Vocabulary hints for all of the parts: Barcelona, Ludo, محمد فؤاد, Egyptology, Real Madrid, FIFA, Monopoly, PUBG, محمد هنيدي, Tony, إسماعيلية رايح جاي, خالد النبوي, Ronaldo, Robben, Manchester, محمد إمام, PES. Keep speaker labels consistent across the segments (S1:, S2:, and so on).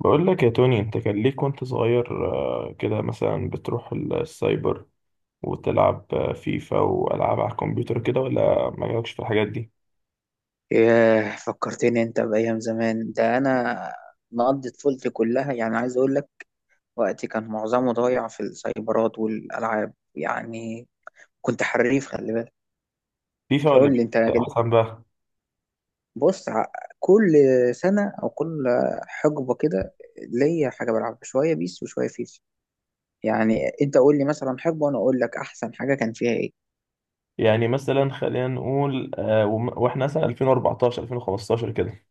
S1: بقول لك يا توني، انت كان ليك وانت صغير كده مثلا بتروح السايبر وتلعب فيفا والعاب على الكمبيوتر كده، ولا ما جالكش في الحاجات دي؟
S2: ياه، فكرتني انت بأيام زمان. ده انا مقضي طفولتي كلها، يعني عايز اقول لك وقتي كان معظمه ضايع في السايبرات والالعاب يعني. كنت حريف، خلي بالك.
S1: فيفا ولا
S2: قول
S1: بيس؟
S2: لي انت كده.
S1: احسن بقى.
S2: بص ع- كل سنة او كل حقبة كده ليا حاجة بلعبها، شوية بيس وشوية فيفا يعني. انت قول لي مثلا حقبة وانا اقول لك احسن حاجة كان فيها ايه.
S1: يعني مثلا خلينا نقول واحنا مثلا 2014 2015 كده.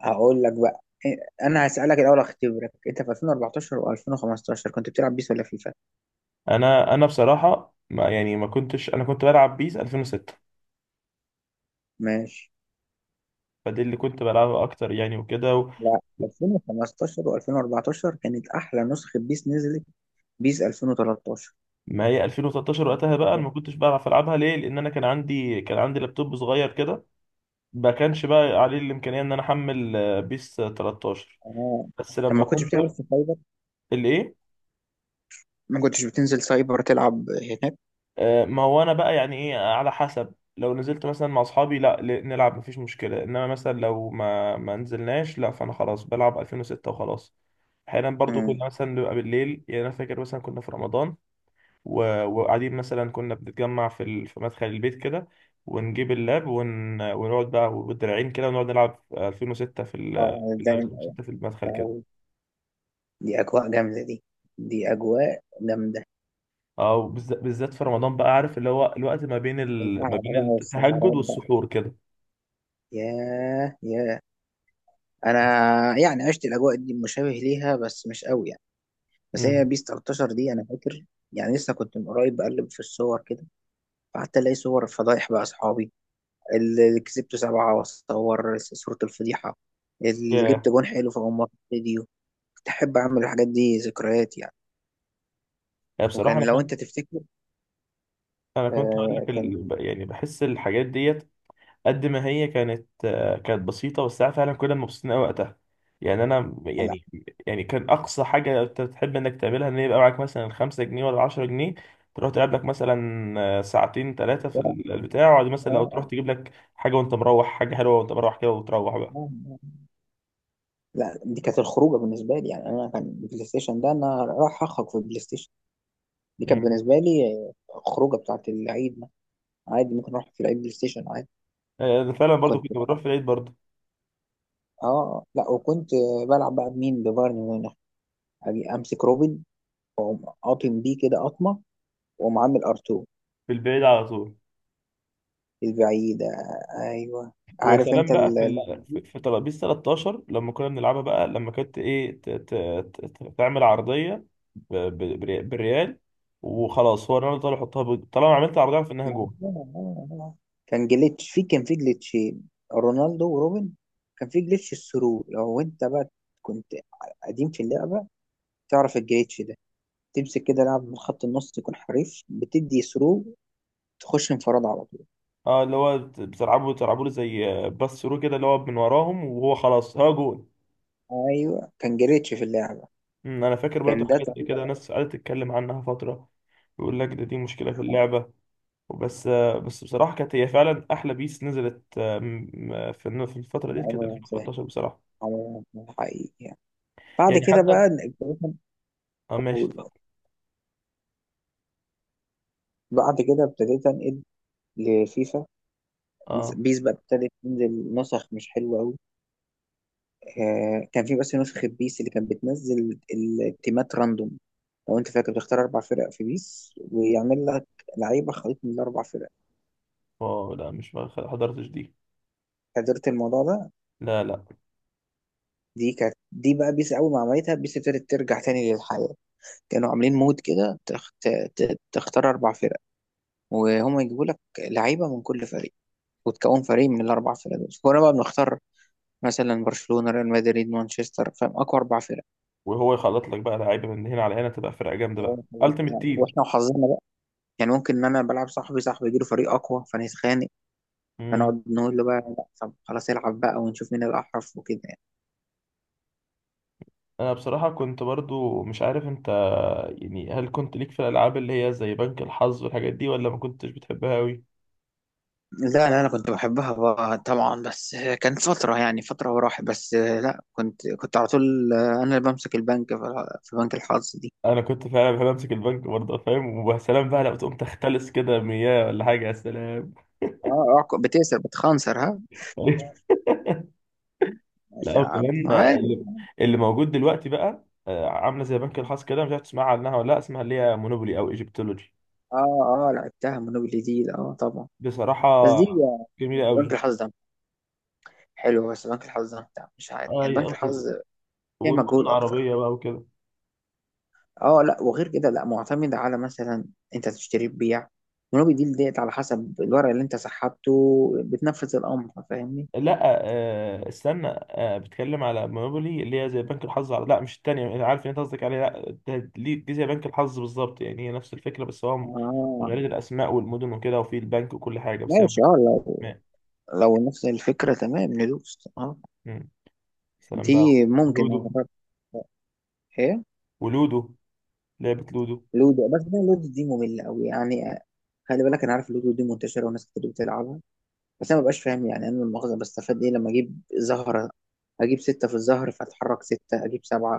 S2: هقول لك بقى. إيه، انا هسألك الاول، اختبرك. انت في 2014 و2015 كنت بتلعب بيس ولا فيفا؟
S1: انا بصراحة، ما يعني ما كنتش، انا كنت بلعب بيس 2006،
S2: ماشي.
S1: فدي اللي كنت بلعبها اكتر يعني وكده.
S2: لا، 2015 و2014 كانت احلى نسخه بيس نزلت. بيس 2013.
S1: ما هي 2013
S2: أنت
S1: وقتها بقى انا
S2: فاكرها؟
S1: ما كنتش بعرف العبها، ليه؟ لان انا كان عندي لابتوب صغير كده، ما كانش بقى عليه الامكانيه ان انا احمل بيس 13.
S2: اه.
S1: بس
S2: طب
S1: لما
S2: ما كنتش
S1: كنت.
S2: بتلعب في سايبر؟
S1: الايه؟
S2: ما كنتش بتنزل سايبر تلعب هناك؟
S1: ما هو انا بقى يعني ايه، على حسب لو نزلت مثلا مع اصحابي لا ل- نلعب مفيش مشكله، انما مثلا لو ما نزلناش لا، فانا خلاص بلعب 2006 وخلاص. احيانا برضو
S2: امم.
S1: كنا مثلا بنبقى بالليل، يعني انا فاكر مثلا كنا في رمضان و... وقاعدين، مثلا كنا بنتجمع في مدخل البيت كده، ونجيب اللاب ون... ونقعد بقى بالدراعين كده، ونقعد نلعب 2006
S2: آه، ده-
S1: 2006 في المدخل كده،
S2: آه، دي اجواء جامده دي دي اجواء جامده.
S1: او بالذات في رمضان بقى، عارف اللي هو الوقت ما
S2: القعده
S1: بين
S2: بقى
S1: التهجد
S2: والسهرات بقى.
S1: والسحور كده.
S2: ياه ياه. انا يعني عشت الاجواء دي مشابه ليها، بس مش قوي يعني. بس هي
S1: امم.
S2: بيس 13 دي انا فاكر. يعني لسه كنت من قريب بقلب في الصور كده، فقعدت الاقي صور فضايح بقى اصحابي، اللي كسبته سبعة وأصور صورة الفضيحة، اللي جبت
S1: ياه.
S2: جون حلو في أمارة فيديو. كنت أحب أعمل الحاجات دي ذكريات يعني.
S1: يعني بصراحه
S2: وكان
S1: انا
S2: لو
S1: كنت،
S2: أنت تفتكر،
S1: انا كنت اقول لك
S2: آه كان في.
S1: يعني بحس الحاجات ديت، قد ما هي كانت بسيطه، بس ساعات فعلا كنا مبسوطين قوي وقتها، يعني انا
S2: لا.
S1: يعني، يعني كان اقصى حاجه انت بتحب انك تعملها ان يبقى معاك مثلا 5 جنيه ولا 10 جنيه، تروح تلعب لك مثلا ساعتين ثلاثه في
S2: آه،
S1: البتاع، وبعد مثلا لو
S2: آه، آه.
S1: تروح تجيب لك حاجه وانت مروح، حاجه حلوه وانت مروح كده، وتروح
S2: آه. لا، دي كانت الخروجة بالنسبة لي يعني. أنا كان البلاي ستيشن ده، أنا راح أخرج في البلاي ستيشن. دي كانت
S1: بقى.
S2: بالنسبة لي آه، الخروجة بتاعت العيد ده. عادي، ممكن أروح في العيد بلاي ستيشن عادي.
S1: انا فعلا برضو كنت
S2: كنت
S1: بروح
S2: بقى
S1: في العيد برضو.
S2: آه لا، وكنت بلعب بقى بمين، ببايرن ميونخ. أجي أمسك روبن وأقوم قاطم بيه كده قطمة ومعامل ار2.
S1: في البعيد على طول.
S2: البعيدة، ايوه.
S1: ويا
S2: عارف
S1: سلام
S2: انت
S1: بقى في
S2: اللقطة
S1: ال... في
S2: دي.
S1: في ترابيزه 13 لما كنا بنلعبها بقى، لما كانت ايه، تعمل عرضيه بالريال، وخلاص هو الراجل طالع يحطها طالما عملت عرضيه، في انها
S2: ما
S1: جول.
S2: هو- آه، آه. كان جليتش في، كان في جليتشين، رونالدو وروبن. كان في جليتش الثرو، لو انت بقى كنت قديم في اللعبة تعرف الجليتش ده. تمسك كده لاعب من خط النص يكون حريف، بتدي ثرو، تخش انفراد على طول.
S1: اه اللي هو بتلعبوا له زي باس ثرو كده، اللي هو من وراهم وهو خلاص هو جول.
S2: ايوه، كان جليتش في اللعبة.
S1: انا فاكر برضو
S2: كان ده
S1: حاجات زي كده،
S2: طريقة.
S1: ناس قعدت تتكلم عنها فتره، يقول لك دي مشكله في اللعبه، بس بس بصراحة كانت هي فعلا أحلى بيس نزلت في الفترة دي، كانت
S2: عمرها سهل،
S1: 2013 بصراحة.
S2: عمرها سهل حقيقي يعني. بعد
S1: يعني
S2: كده
S1: حتى.
S2: بقى ابتديت
S1: اه ماشي،
S2: أنقل-
S1: اتفضل.
S2: بعد كده ابتديت أنقل لفيفا.
S1: اه
S2: بيس بقى ابتدت تنزل نسخ مش حلوة أوي. آه كان في بس نسخة بيس اللي كانت بتنزل التيمات راندوم. لو أنت فاكر، بتختار أربع فرق في بيس ويعمل لك لعيبة خليط من الأربع فرق.
S1: اه لا، مش ما خ- حضرتش دي.
S2: حضرت الموضوع ده؟
S1: لا لا.
S2: دي كانت بقى بيس. أول ما عملتها بيس ابتدت ترجع تاني للحياة. كانوا عاملين مود كده تختار أربع فرق، وهم يجيبوا لك لعيبة من كل فريق، وتكون فريق من الأربع فرق دول. كنا بقى بنختار مثلا برشلونة، ريال مدريد، مانشستر، فاهم، أقوى أربع فرق.
S1: وهو يخلط لك بقى لعيبة من هنا على هنا، تبقى فرقة جامدة بقى،
S2: هو- هو
S1: التيمت
S2: إحنا- واحنا
S1: تيم.
S2: وحظنا بقى، يعني ممكن ان انا بلعب صاحبي، صاحبي يجيله فريق اقوى فنتخانق،
S1: امم.
S2: فنقعد نقول له بقى لا، طب خلاص العب بقى ونشوف مين الاحرف وكده يعني.
S1: انا بصراحة كنت برضو مش عارف انت، يعني هل كنت ليك في الالعاب اللي هي زي بنك الحظ والحاجات دي، ولا ما كنتش بتحبها قوي؟
S2: لا لا، انا كنت بحبها بقى طبعا، بس كانت فتره يعني، فتره وراحت. بس لا، كنت على طول انا اللي بمسك البنك في بنك الحظ دي.
S1: انا كنت فعلا بحب امسك البنك برضه، فاهم؟ وسلام بقى لو تقوم تختلس كده مياه ولا حاجة، يا سلام.
S2: اه. آه، بتكسب بتخنصر ها.
S1: لا،
S2: ماشي يا عم
S1: وكمان
S2: عادي.
S1: اللي موجود دلوقتي بقى، عامله زي بنك الحظ كده، مش عارف تسمع عنها ولا لا، اسمها اللي هي مونوبولي او ايجيبتولوجي.
S2: اه، اه لعبتها مونوبولي دي، اه طبعا.
S1: بصراحه
S2: بس دي آه،
S1: جميله
S2: بنك
S1: قوي.
S2: الحظ ده حلو. بس بنك الحظ ده بتاع مش عارف يعني،
S1: اي،
S2: بنك الحظ فيها
S1: والمدن
S2: مجهود اكتر.
S1: العربيه بقى وكده.
S2: اه لا، وغير كده لا، معتمد على مثلا انت تشتري ببيع، ونوبي ديل ديت، على حسب الورق اللي انت سحبته بتنفذ الامر، فاهمني.
S1: لا استنى، بتكلم على مونوبولي اللي هي زي بنك الحظ لا مش التانية، انا عارف ان انت قصدك عليها، لا دي زي بنك الحظ بالظبط يعني، هي نفس الفكره، بس
S2: اه
S1: غير الاسماء والمدن وكده، وفي البنك وكل حاجه، بس هي مش
S2: ماشي. اه لو،
S1: أسماء.
S2: لو نفس الفكره تمام ندوس اه.
S1: مم. سلام بقى،
S2: دي ممكن
S1: ولودو.
S2: اجرب. ايه؟
S1: ولودو لعبه لودو.
S2: لودو؟ بس انا لودو دي ممله قوي يعني آه. خلي بالك، انا عارف لودو دي منتشره وناس كتير بتلعبها، بس انا مبقاش فاهم يعني، انا المؤاخذه بستفاد ايه لما اجيب زهره، اجيب سته في الزهر فاتحرك سته اجيب سبعه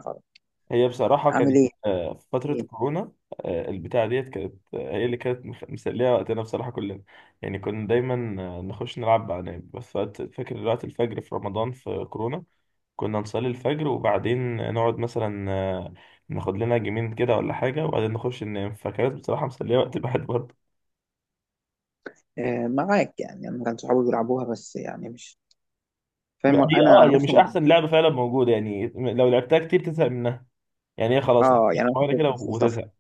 S1: هي بصراحة
S2: فاعمل
S1: كانت في فترة
S2: ايه؟
S1: كورونا، البتاعة ديت كانت هي اللي كانت مسلية وقتنا بصراحة كلنا، يعني كنا دايما نخش نلعب بقى نايم، بس فاكر وقت الفجر في رمضان في كورونا، كنا نصلي الفجر وبعدين نقعد مثلا، ناخد لنا جيمين كده ولا حاجة، وبعدين نخش ننام، فكانت بصراحة مسلية وقت الواحد برضه.
S2: آه، معاك يعني. انا كان صحابي بيلعبوها بس يعني مش فاهم،
S1: هي،
S2: انا
S1: اه
S2: عن نفسي
S1: مش
S2: ما كنت.
S1: أحسن لعبة فعلا موجودة يعني، لو لعبتها كتير تزهق منها، يعني هي خلاص لحد
S2: اه. يعني انا
S1: شوية
S2: ما
S1: كده
S2: كنتش بستلطفها
S1: وتزهق.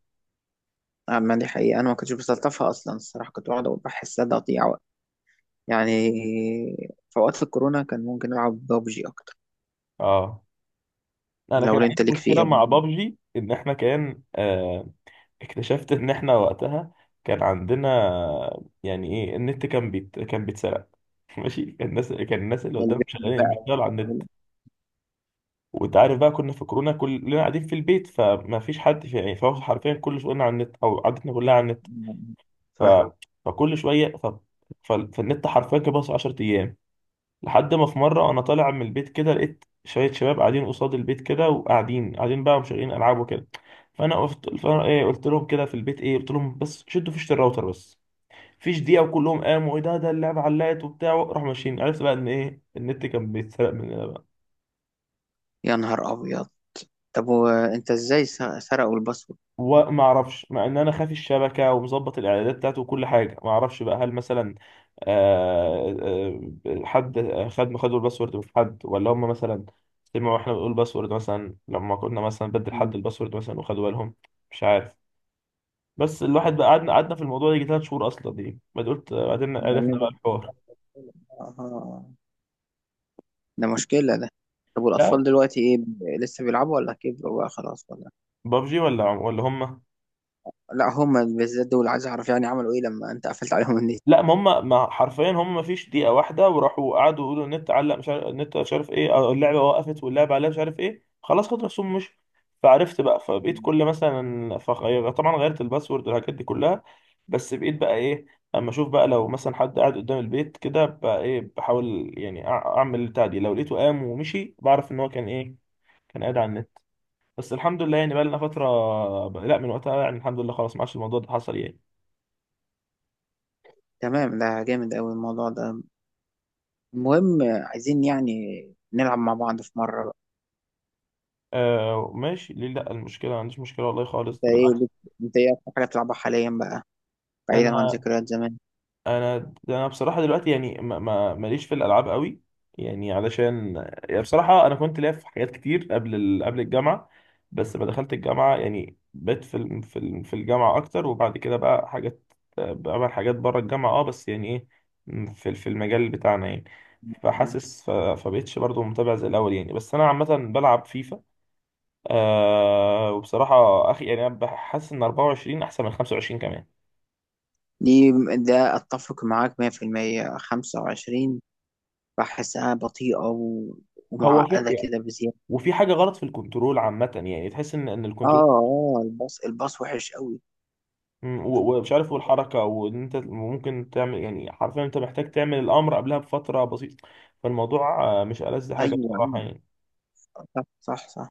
S2: آه، ما دي حقيقه، انا ما كنتش بستلطفها اصلا الصراحه، كنت بقعد بحسها تقطيع وقت يعني. في اوقات الكورونا كان ممكن العب ببجي اكتر.
S1: اه. انا
S2: لو
S1: كان
S2: انت
S1: عندي
S2: ليك
S1: مشكله
S2: فيها.
S1: مع بابجي، ان احنا كان. اكتشفت ان احنا وقتها كان عندنا، يعني ايه، النت كان بيتسرق. ماشي، كان الناس اللي قدام
S2: البنج
S1: شغالين،
S2: بقى.
S1: بيشتغلوا على النت، وانت عارف بقى كنا في كورونا كلنا قاعدين في البيت، فما فيش حد في يعني، فهو حرفيا كل شغلنا على النت، او عادتنا كلها على النت، ف...
S2: ف،
S1: فكل شويه، فالنت حرفيا كان بس 10 ايام. لحد ما في مرة أنا طالع من البيت كده، لقيت شوية شباب قاعدين قصاد البيت كده، وقاعدين قاعدين بقى ومشغلين ألعاب وكده، فأنا إيه، قلت لهم كده في البيت إيه، قلت لهم بس شدوا فيشة الراوتر بس. فيش دقيقة وكلهم قاموا، إيه ده اللعبة علقت وبتاع، راحوا ماشيين. عرفت بقى إن إيه، النت كان بيتسرق من.
S2: يا نهار ابيض. طب وانت ازاي سرقوا الباسورد؟
S1: وما اعرفش، مع ان انا خافي الشبكه ومظبط الاعدادات بتاعته وكل حاجه، ما اعرفش بقى، هل مثلا حد خدوا الباسورد من حد، ولا هم مثلا سمعوا احنا بنقول باسورد، مثلا لما كنا مثلا بدل حد
S2: مم.
S1: الباسورد مثلا، وخدوا بالهم؟ مش عارف. بس الواحد بقى قعدنا في الموضوع ده يجي ثلاث شهور اصلا دي، بعد قلت بعدين
S2: ده اللي
S1: عرفنا بقى
S2: ده،
S1: الحوار.
S2: آه، ده مشكله ده. طب والاطفال
S1: لا
S2: دلوقتي ايه، لسه بيلعبوا ولا كبروا بقى خلاص ولا؟
S1: بابجي، ولا هم.
S2: لا هما بالذات دول عايز اعرف يعني عملوا ايه لما انت قفلت عليهم النت.
S1: لا ما هم ما، حرفيا هم ما فيش دقيقة واحدة، وراحوا قعدوا يقولوا النت علق، مش عارف النت، مش عارف ايه، أو اللعبة وقفت، واللعبة عليها مش عارف ايه، خلاص خد رسوم مش. فعرفت بقى، فبقيت كل مثلا، فغير طبعا غيرت الباسورد والحاجات دي كلها، بس بقيت بقى ايه، اما اشوف بقى لو مثلا حد قاعد قدام البيت كده بقى ايه، بحاول يعني اعمل البتاع دي، لو لقيته قام ومشي بعرف ان هو كان ايه، كان قاعد على النت. بس الحمد لله يعني بقى لنا فترة، لا من وقتها يعني الحمد لله، خلاص ما عادش الموضوع ده حصل يعني.
S2: تمام، ده جامد قوي الموضوع ده. المهم عايزين يعني نلعب مع بعض في مرة بقى.
S1: آه ماشي، ليه لا، المشكله ما عنديش مشكله والله خالص،
S2: انت
S1: بالعكس.
S2: انت ايه اكتر حاجة بتلعبها حاليا بقى، بعيدا عن
S1: انا
S2: ذكريات زمان؟
S1: انا بصراحه دلوقتي يعني، ماليش في الالعاب قوي، يعني علشان، يعني بصراحه انا كنت ليا في حاجات كتير قبل الجامعه، بس ما دخلت الجامعه يعني بقيت في الجامعه اكتر، وبعد كده بقى حاجات، بعمل حاجات بره الجامعه اه، بس يعني ايه، في المجال بتاعنا يعني،
S2: آه.
S1: فحاسس، ف... فبقيتش برضو متابع زي الاول يعني، بس انا عامه بلعب فيفا. وبصراحة أخي يعني، أنا بحس إن 24 أحسن من 25 كمان.
S2: دي، ده اتفق معاك 100%. 25 بحسها بطيئة و...
S1: هو صح في
S2: ومعقدة
S1: يعني،
S2: كده بزيادة.
S1: وفي حاجة غلط في الكنترول عامة، يعني تحس إن
S2: اه
S1: الكنترول،
S2: اه، الباص، الباص وحش قوي.
S1: مم، و- ومش عارف، والحركة، وإن أنت ممكن تعمل يعني، حرفيا أنت محتاج تعمل الأمر قبلها بفترة بسيطة، فالموضوع مش ألذ حاجة
S2: ايوه،
S1: بصراحة
S2: أيوة.
S1: يعني.
S2: صح صح صح.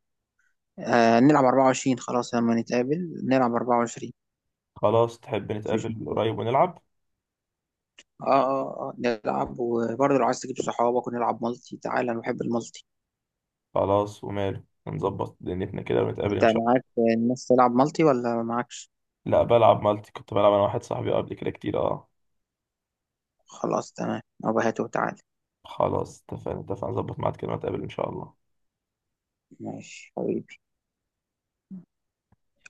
S2: آه نلعب 24، خلاص لما نتقابل نلعب 24.
S1: خلاص، تحب
S2: مفيش
S1: نتقابل
S2: مشكلة.
S1: قريب ونلعب؟
S2: اه اه اه، نلعب. وبرضه لو عايز تجيب صحابك ونلعب مالتي، تعالى، انا بحب المالتي.
S1: خلاص وماله، نظبط دنيتنا كده ونتقابل
S2: انت
S1: إن شاء
S2: معاك الناس تلعب مالتي ولا معاكش؟
S1: الله. لا بلعب مالتي، كنت بلعب أنا واحد صاحبي قبل كده كتير، أه.
S2: خلاص تمام، أبقى هاته وتعالى.
S1: خلاص اتفقنا، اتفقنا نظبط ميعاد كده ونتقابل إن شاء الله.
S2: ماشي حبيبي.